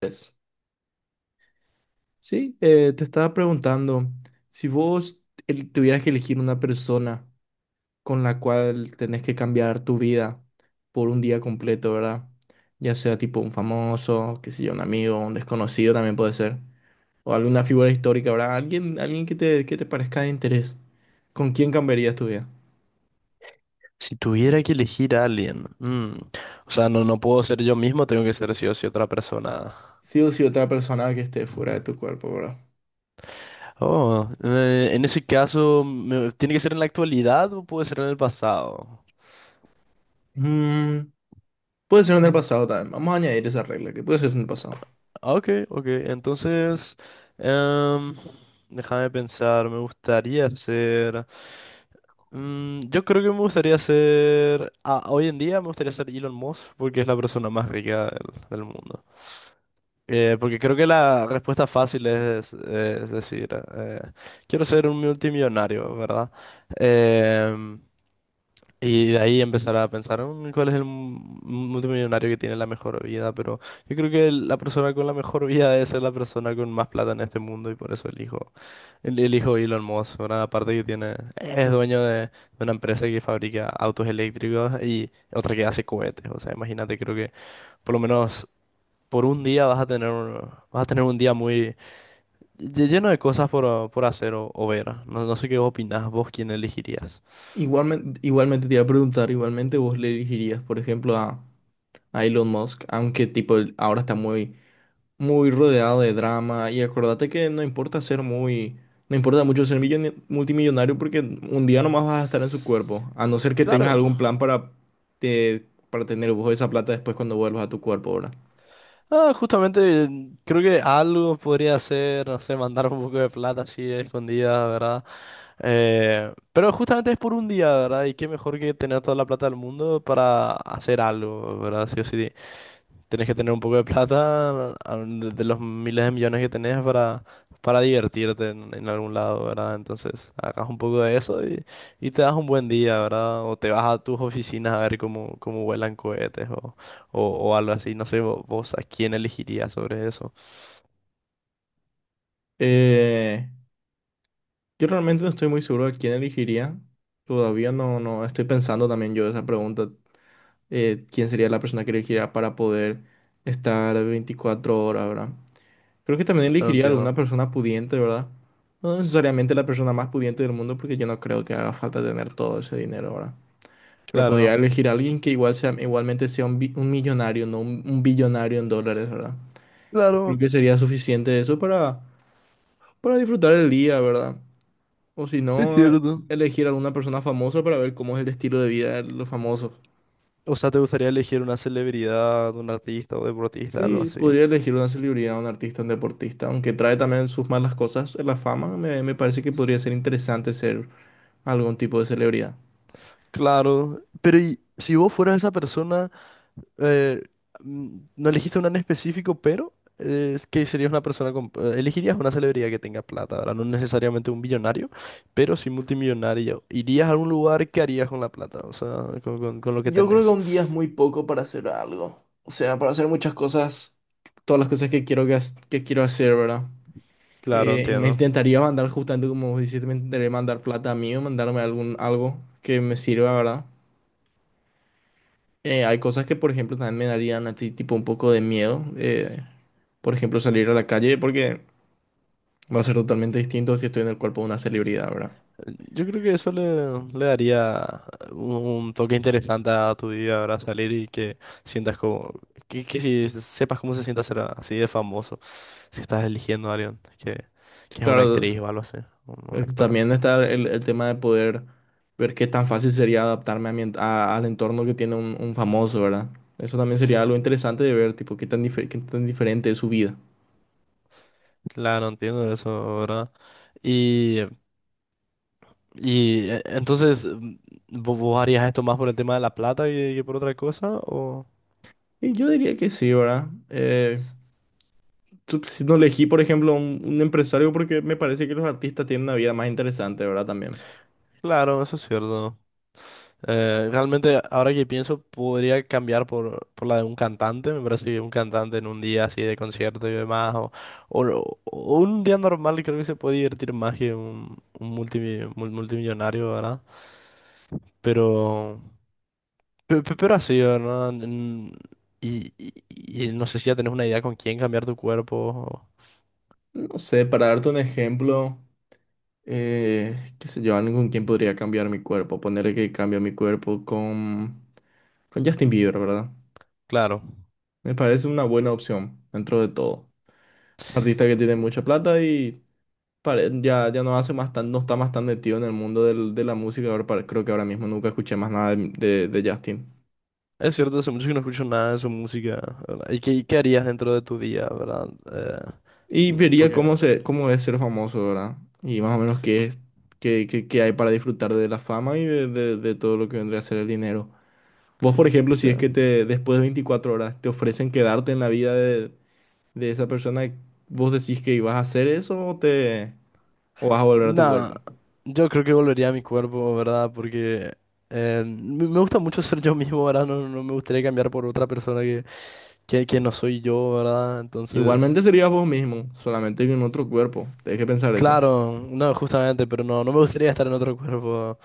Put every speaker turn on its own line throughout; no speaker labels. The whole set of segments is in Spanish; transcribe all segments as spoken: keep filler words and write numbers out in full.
Pues, sí, eh, te estaba preguntando, si vos el- tuvieras que elegir una persona con la cual tenés que cambiar tu vida por un día completo, ¿verdad? Ya sea tipo un famoso, qué sé yo, un amigo, un desconocido también puede ser, o alguna figura histórica, ¿verdad? Alguien, alguien que te, que te parezca de interés. ¿Con quién cambiarías tu vida?
Si tuviera que elegir a alguien, mm, o sea, no, no puedo ser yo mismo, tengo que ser sí o sí otra persona.
Sí o sí otra persona que esté fuera de tu cuerpo, ¿verdad?
Oh, eh, en ese caso, me- ¿tiene que ser en la actualidad o puede ser en el pasado?
Mm, puede ser en el pasado también. Vamos a añadir esa regla, que puede ser en el pasado.
Ah, ok, ok, entonces, em, déjame pensar, me gustaría ser... mm, yo creo que me gustaría ser... ah, hoy en día me gustaría ser Elon Musk porque es la persona más rica del, del mundo. Eh, porque creo que la respuesta fácil es, es decir, eh, quiero ser un multimillonario, ¿verdad? Em, y de ahí empezar a pensar "Mm, cuál es el mu- multimillonario que tiene la mejor vida, pero yo creo que la persona con la mejor vida es la persona con más plata en este mundo y por eso elijo, el- elijo Elon Musk, ¿verdad? Aparte que tiene, es dueño de, de una empresa que fabrica autos eléctricos y otra que hace cohetes, o sea, imagínate, creo que por lo menos por un día vas a tener un, vas a tener un día muy lle- lleno de cosas por, por hacer o, o ver. No, no sé qué opinás vos, quién elegirías.
Igualmente, igualmente te iba a preguntar, igualmente vos le dirigirías por ejemplo, a, a Elon Musk, aunque tipo él ahora está muy, muy rodeado de drama y acordate que no importa ser muy, no importa mucho ser milloni- multimillonario porque un día nomás vas a estar en su cuerpo, a no ser que tengas
Claro,
algún plan para, te- para tener vos esa plata después cuando vuelvas a tu cuerpo, ¿verdad?
ah, justamente creo que algo podría ser, no sé, mandar un poco de plata así escondida, ¿verdad? Eh, pero justamente es por un día, ¿verdad? Y qué mejor que tener toda la plata del mundo para hacer algo, ¿verdad? Sí o sí. Tienes que tener un poco de plata, a- de de los miles de millones que tenés para, para divertirte en, en algún lado, ¿verdad? Entonces, hagas un poco de eso y, y te das un buen día, ¿verdad? O te vas a tus oficinas a ver cómo, cómo vuelan cohetes o, o, o algo así. No sé, vo- vos, a quién elegirías sobre eso.
Eh, Yo realmente no estoy muy seguro de quién elegiría. Todavía no, no estoy pensando también yo esa pregunta. Eh, ¿quién sería la persona que elegiría para poder estar veinticuatro horas, ¿verdad? Creo que también
Claro, no
elegiría alguna
entiendo.
persona pudiente, ¿verdad? No necesariamente la persona más pudiente del mundo, porque yo no creo que haga falta tener todo ese dinero, ¿verdad? Pero podría
Claro,
elegir a alguien que igual sea, igualmente sea un, bi- un millonario, no un, un billonario en dólares, ¿verdad? Creo
claro,
que sería suficiente eso para, para disfrutar el día, ¿verdad? O si
es
no,
cierto.
elegir alguna persona famosa para ver cómo es el estilo de vida de los famosos.
O sea, ¿te gustaría elegir una celebridad, un artista o deportista, algo
Sí,
así?
podría elegir una celebridad, un artista, un deportista, aunque trae también sus malas cosas. La fama me, me parece que podría ser interesante ser algún tipo de celebridad.
Claro, pero ¿y si vos fueras esa persona? eh, mm, no elegiste una en específico, pero eh, es que serías una persona con... eh, elegirías una celebridad que tenga plata, ¿verdad? No necesariamente un billonario, pero sí multimillonario. Irías a algún lugar, ¿qué harías con la plata? O sea, con, con- con lo que
Yo creo que
tenés.
un día es muy poco para hacer algo. O sea, para hacer muchas cosas, todas las cosas que quiero, que, has- que quiero hacer, ¿verdad?
Claro,
Eh, y me
entiendo.
intentaría mandar, justamente como vos dijiste, me intentaría mandar plata a mí o mandarme algún, algo que me sirva, ¿verdad? Eh, hay cosas que, por ejemplo, también me darían a ti tipo un poco de miedo. Eh, por ejemplo, salir a la calle porque va a ser totalmente distinto si estoy en el cuerpo de una celebridad, ¿verdad?
Yo creo que eso le, le daría un, un toque interesante a tu día, ¿verdad? Salir y que sientas como... Que, que si sepas cómo se siente ser así de famoso, si estás eligiendo a alguien que, que es una
Claro,
actriz o algo así, un un
eh,
actor.
también está el, el tema de poder ver qué tan fácil sería adaptarme a mi en- a- al entorno que tiene un, un famoso, ¿verdad? Eso también sería algo interesante de ver, tipo, qué tan, difer- qué tan diferente es su vida.
Claro, entiendo eso, ¿verdad? Y, y eh, entonces, mm, ¿vo- vos harías esto más por el tema de la plata que, que por otra cosa? O...
Y yo diría que sí, ¿verdad? Eh, tú- si no elegí, por ejemplo, un, un empresario porque me parece que los artistas tienen una vida más interesante, ¿verdad? También.
Claro, eso es cierto. Eh, realmente, ahora que pienso, podría cambiar por, por la de un cantante. Me parece que un cantante en un día así de concierto y demás, o, o, lo- o un día normal, creo que se puede divertir más que un, un multimi- mul- multimillonario, ¿verdad? Pero. Pe- pe- Pero, así, ¿verdad? Mm, Y, y- y no sé si ya tenés una idea con quién cambiar tu cuerpo. o-
No sé, para darte un ejemplo, eh, qué sé yo, alguien con quien podría cambiar mi cuerpo. Ponerle que cambio mi cuerpo con, con Justin Bieber, ¿verdad?
Claro,
Me parece una buena opción dentro de todo. Un artista que tiene mucha plata y pare- ya, ya no hace más tan, no está más tan metido en el mundo del- de la música. Ahora, pare- creo que ahora mismo nunca escuché más nada de, de- de Justin.
es cierto, hace mucho que no escucho nada de su música, ¿verdad? Y qué, qué harías dentro de tu día, ¿verdad? Eh,
Y
mm,
vería
porque...
cómo, se, cómo es ser famoso, ¿verdad? Y más o menos qué es, qué, qué- qué hay para disfrutar de la fama y de, de de todo lo que vendría a ser el dinero. Vos, por ejemplo, si es
que-
que te, después de veinticuatro horas te ofrecen quedarte en la vida de, de esa persona, ¿vos decís que ibas a hacer eso o te o vas a volver a tu
Nada,
cuerpo?
yo creo que volvería a mi cuerpo, ¿verdad? Porque eh, me me gusta mucho ser yo mismo, ¿verdad? No, no no me gustaría cambiar por otra persona que, que, que no soy yo, ¿verdad? Entonces...
Igualmente serías vos mismo, solamente en otro cuerpo. Tenés que pensar eso.
Claro, no, justamente, pero no, no me gustaría estar en otro cuerpo,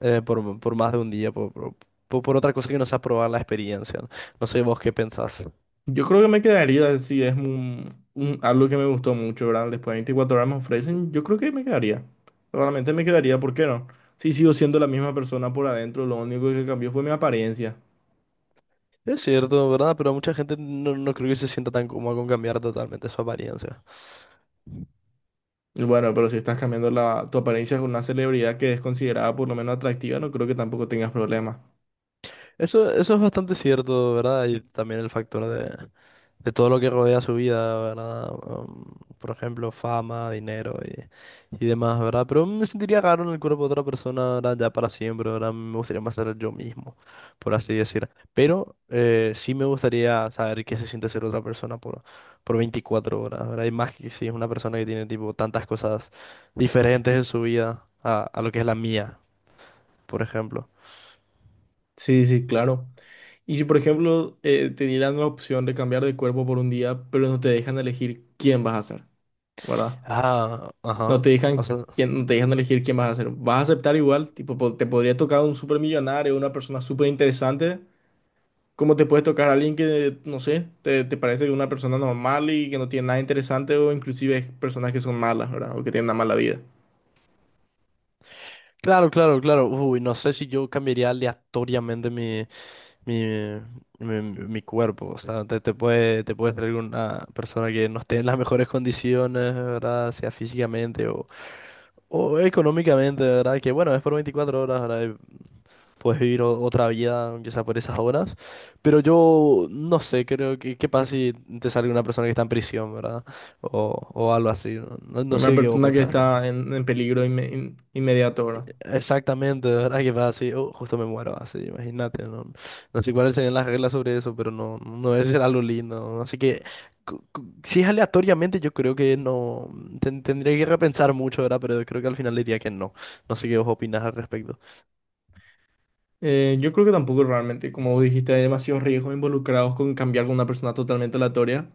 eh, por, por más de un día, por, por, por- por otra cosa que no sea probar la experiencia. No, no sé vos qué pensás.
Yo creo que me quedaría si es un, un- algo que me gustó mucho, ¿verdad? Después de veinticuatro horas me ofrecen, yo creo que me quedaría. Realmente me quedaría, ¿por qué no? Si sigo siendo la misma persona por adentro, lo único que cambió fue mi apariencia.
Es cierto, ¿verdad? Pero mucha gente no, no creo que se sienta tan cómoda con cambiar totalmente su apariencia.
Y bueno, pero si estás cambiando la, tu apariencia con una celebridad que es considerada por lo menos atractiva, no creo que tampoco tengas problemas.
Eso, eso es bastante cierto, ¿verdad? Y también el factor de, de todo lo que rodea su vida, ¿verdad? Um, por ejemplo, fama, dinero y, y demás, ¿verdad? Pero me sentiría raro en el cuerpo de otra persona, ¿verdad? Ya para siempre, ¿verdad? Me gustaría más ser yo mismo, por así decir. Pero eh, sí me gustaría saber qué se siente ser otra persona por, por veinticuatro horas, ¿verdad? Y más que si es una persona que tiene, tipo, tantas cosas diferentes en su vida a, a lo que es la mía, por ejemplo.
Sí, sí, claro. Y si, por ejemplo, eh, te dieran la opción de cambiar de cuerpo por un día, pero no te dejan elegir quién vas a ser, ¿verdad?
Ah,
No
ajá.
te
O
dejan,
sea,
quién- no te dejan elegir quién vas a ser. ¿Vas a aceptar igual? Tipo, po- te podría tocar un supermillonario, una persona súper interesante. ¿Cómo te puede tocar a alguien que, no sé, te, te parece una persona normal y que no tiene nada interesante o inclusive personas que son malas, ¿verdad? O que tienen una mala vida.
claro, claro, claro. Uy, no sé si yo cambiaría aleatoriamente mi, mi, mi, mi cuerpo. O sea, te, te puede, te puede traer una persona que no esté en las mejores condiciones, ¿verdad? Sea físicamente o, o económicamente, ¿verdad? Que bueno, es por veinticuatro horas, ¿verdad? Y puedes vivir o- otra vida, aunque sea por esas horas. Pero yo no sé, creo que qué pasa si te sale una persona que está en prisión, ¿verdad? O, o algo así. No, no no
Una
sé qué vos
persona que
pensás.
está en, en peligro inme- in- inmediato, ¿verdad?
Exactamente, de verdad que va así, oh, justo me muero así, imagínate, no, no sé cuáles serían las reglas sobre eso, pero no, no debe ser algo lindo, ¿no? Así que cu- cu- si es aleatoriamente yo creo que no, ten- tendría que repensar mucho, ¿verdad? Pero yo creo que al final diría que no, no sé qué vos opinás al respecto.
Eh, yo creo que tampoco realmente, como vos dijiste, hay demasiados riesgos involucrados con cambiar con una persona totalmente aleatoria.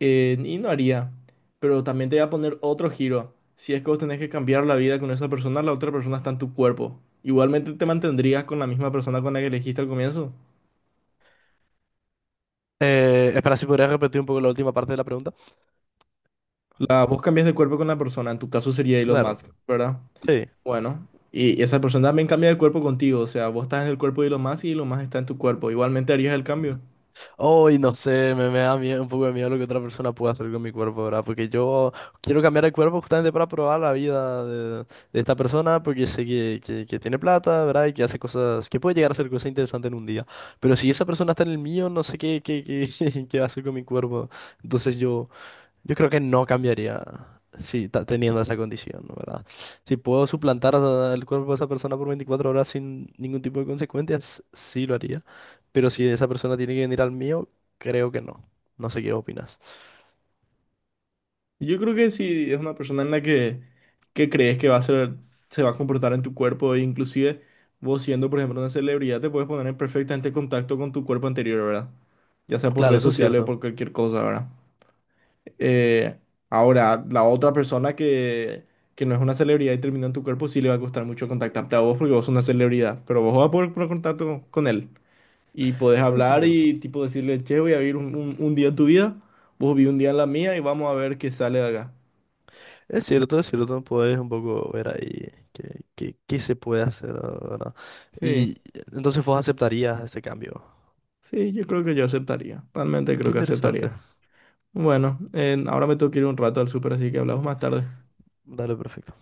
eh, Y no haría. Pero también te voy a poner otro giro. Si es que vos tenés que cambiar la vida con esa persona, la otra persona está en tu cuerpo. Igualmente te mantendrías con la misma persona con la que elegiste al comienzo.
Eh, espera, si podrías repetir un poco la última parte de la pregunta.
La, vos cambias de cuerpo con la persona, en tu caso sería Elon
Claro,
Musk, ¿verdad?
sí.
Bueno, y esa persona también cambia de cuerpo contigo, o sea, vos estás en el cuerpo de Elon Musk y Elon Musk está en tu cuerpo. Igualmente harías el cambio.
Hoy no sé, me, me da miedo, un poco de miedo lo que otra persona pueda hacer con mi cuerpo, ¿verdad? Porque yo quiero cambiar el cuerpo justamente para probar la vida de, de esta persona, porque sé que, que, que tiene plata, ¿verdad? Y que hace cosas, que puede llegar a hacer cosas interesantes en un día. Pero si esa persona está en el mío, no sé qué, qué, qué, qué va a hacer con mi cuerpo. Entonces yo... Yo creo que no cambiaría si ta- teniendo esa condición, ¿no? ¿Verdad? Si puedo suplantar a- el cuerpo de esa persona por veinticuatro horas sin ningún tipo de consecuencias, sí lo haría. Pero si esa persona tiene que venir al mío, creo que no. No sé qué opinas.
Yo creo que si es una persona en la que, que crees que va a ser, se va a comportar en tu cuerpo, e inclusive vos siendo, por ejemplo, una celebridad, te puedes poner en perfectamente contacto con tu cuerpo anterior, ¿verdad? Ya sea por
Claro,
redes
eso es
sociales o
cierto.
por cualquier cosa, ¿verdad? Eh, Ahora, la otra persona que, que no es una celebridad y terminó en tu cuerpo, sí le va a costar mucho contactarte a vos porque vos sos una celebridad, pero vos vas a poder poner contacto con él y podés
Eso es
hablar
cierto.
y tipo decirle, che, voy a vivir un, un- un día en tu vida, vos viví un día en la mía y vamos a ver qué sale de acá.
Es cierto, es cierto. Puedes un poco ver ahí qué, qué, qué se puede hacer, ¿verdad?
Sí.
Y entonces vos aceptarías ese cambio.
Sí, yo creo que yo aceptaría. Realmente
Qué
creo que
interesante.
aceptaría. Bueno, eh, ahora me tengo que ir un rato al súper, así que hablamos más tarde.
Dale, perfecto.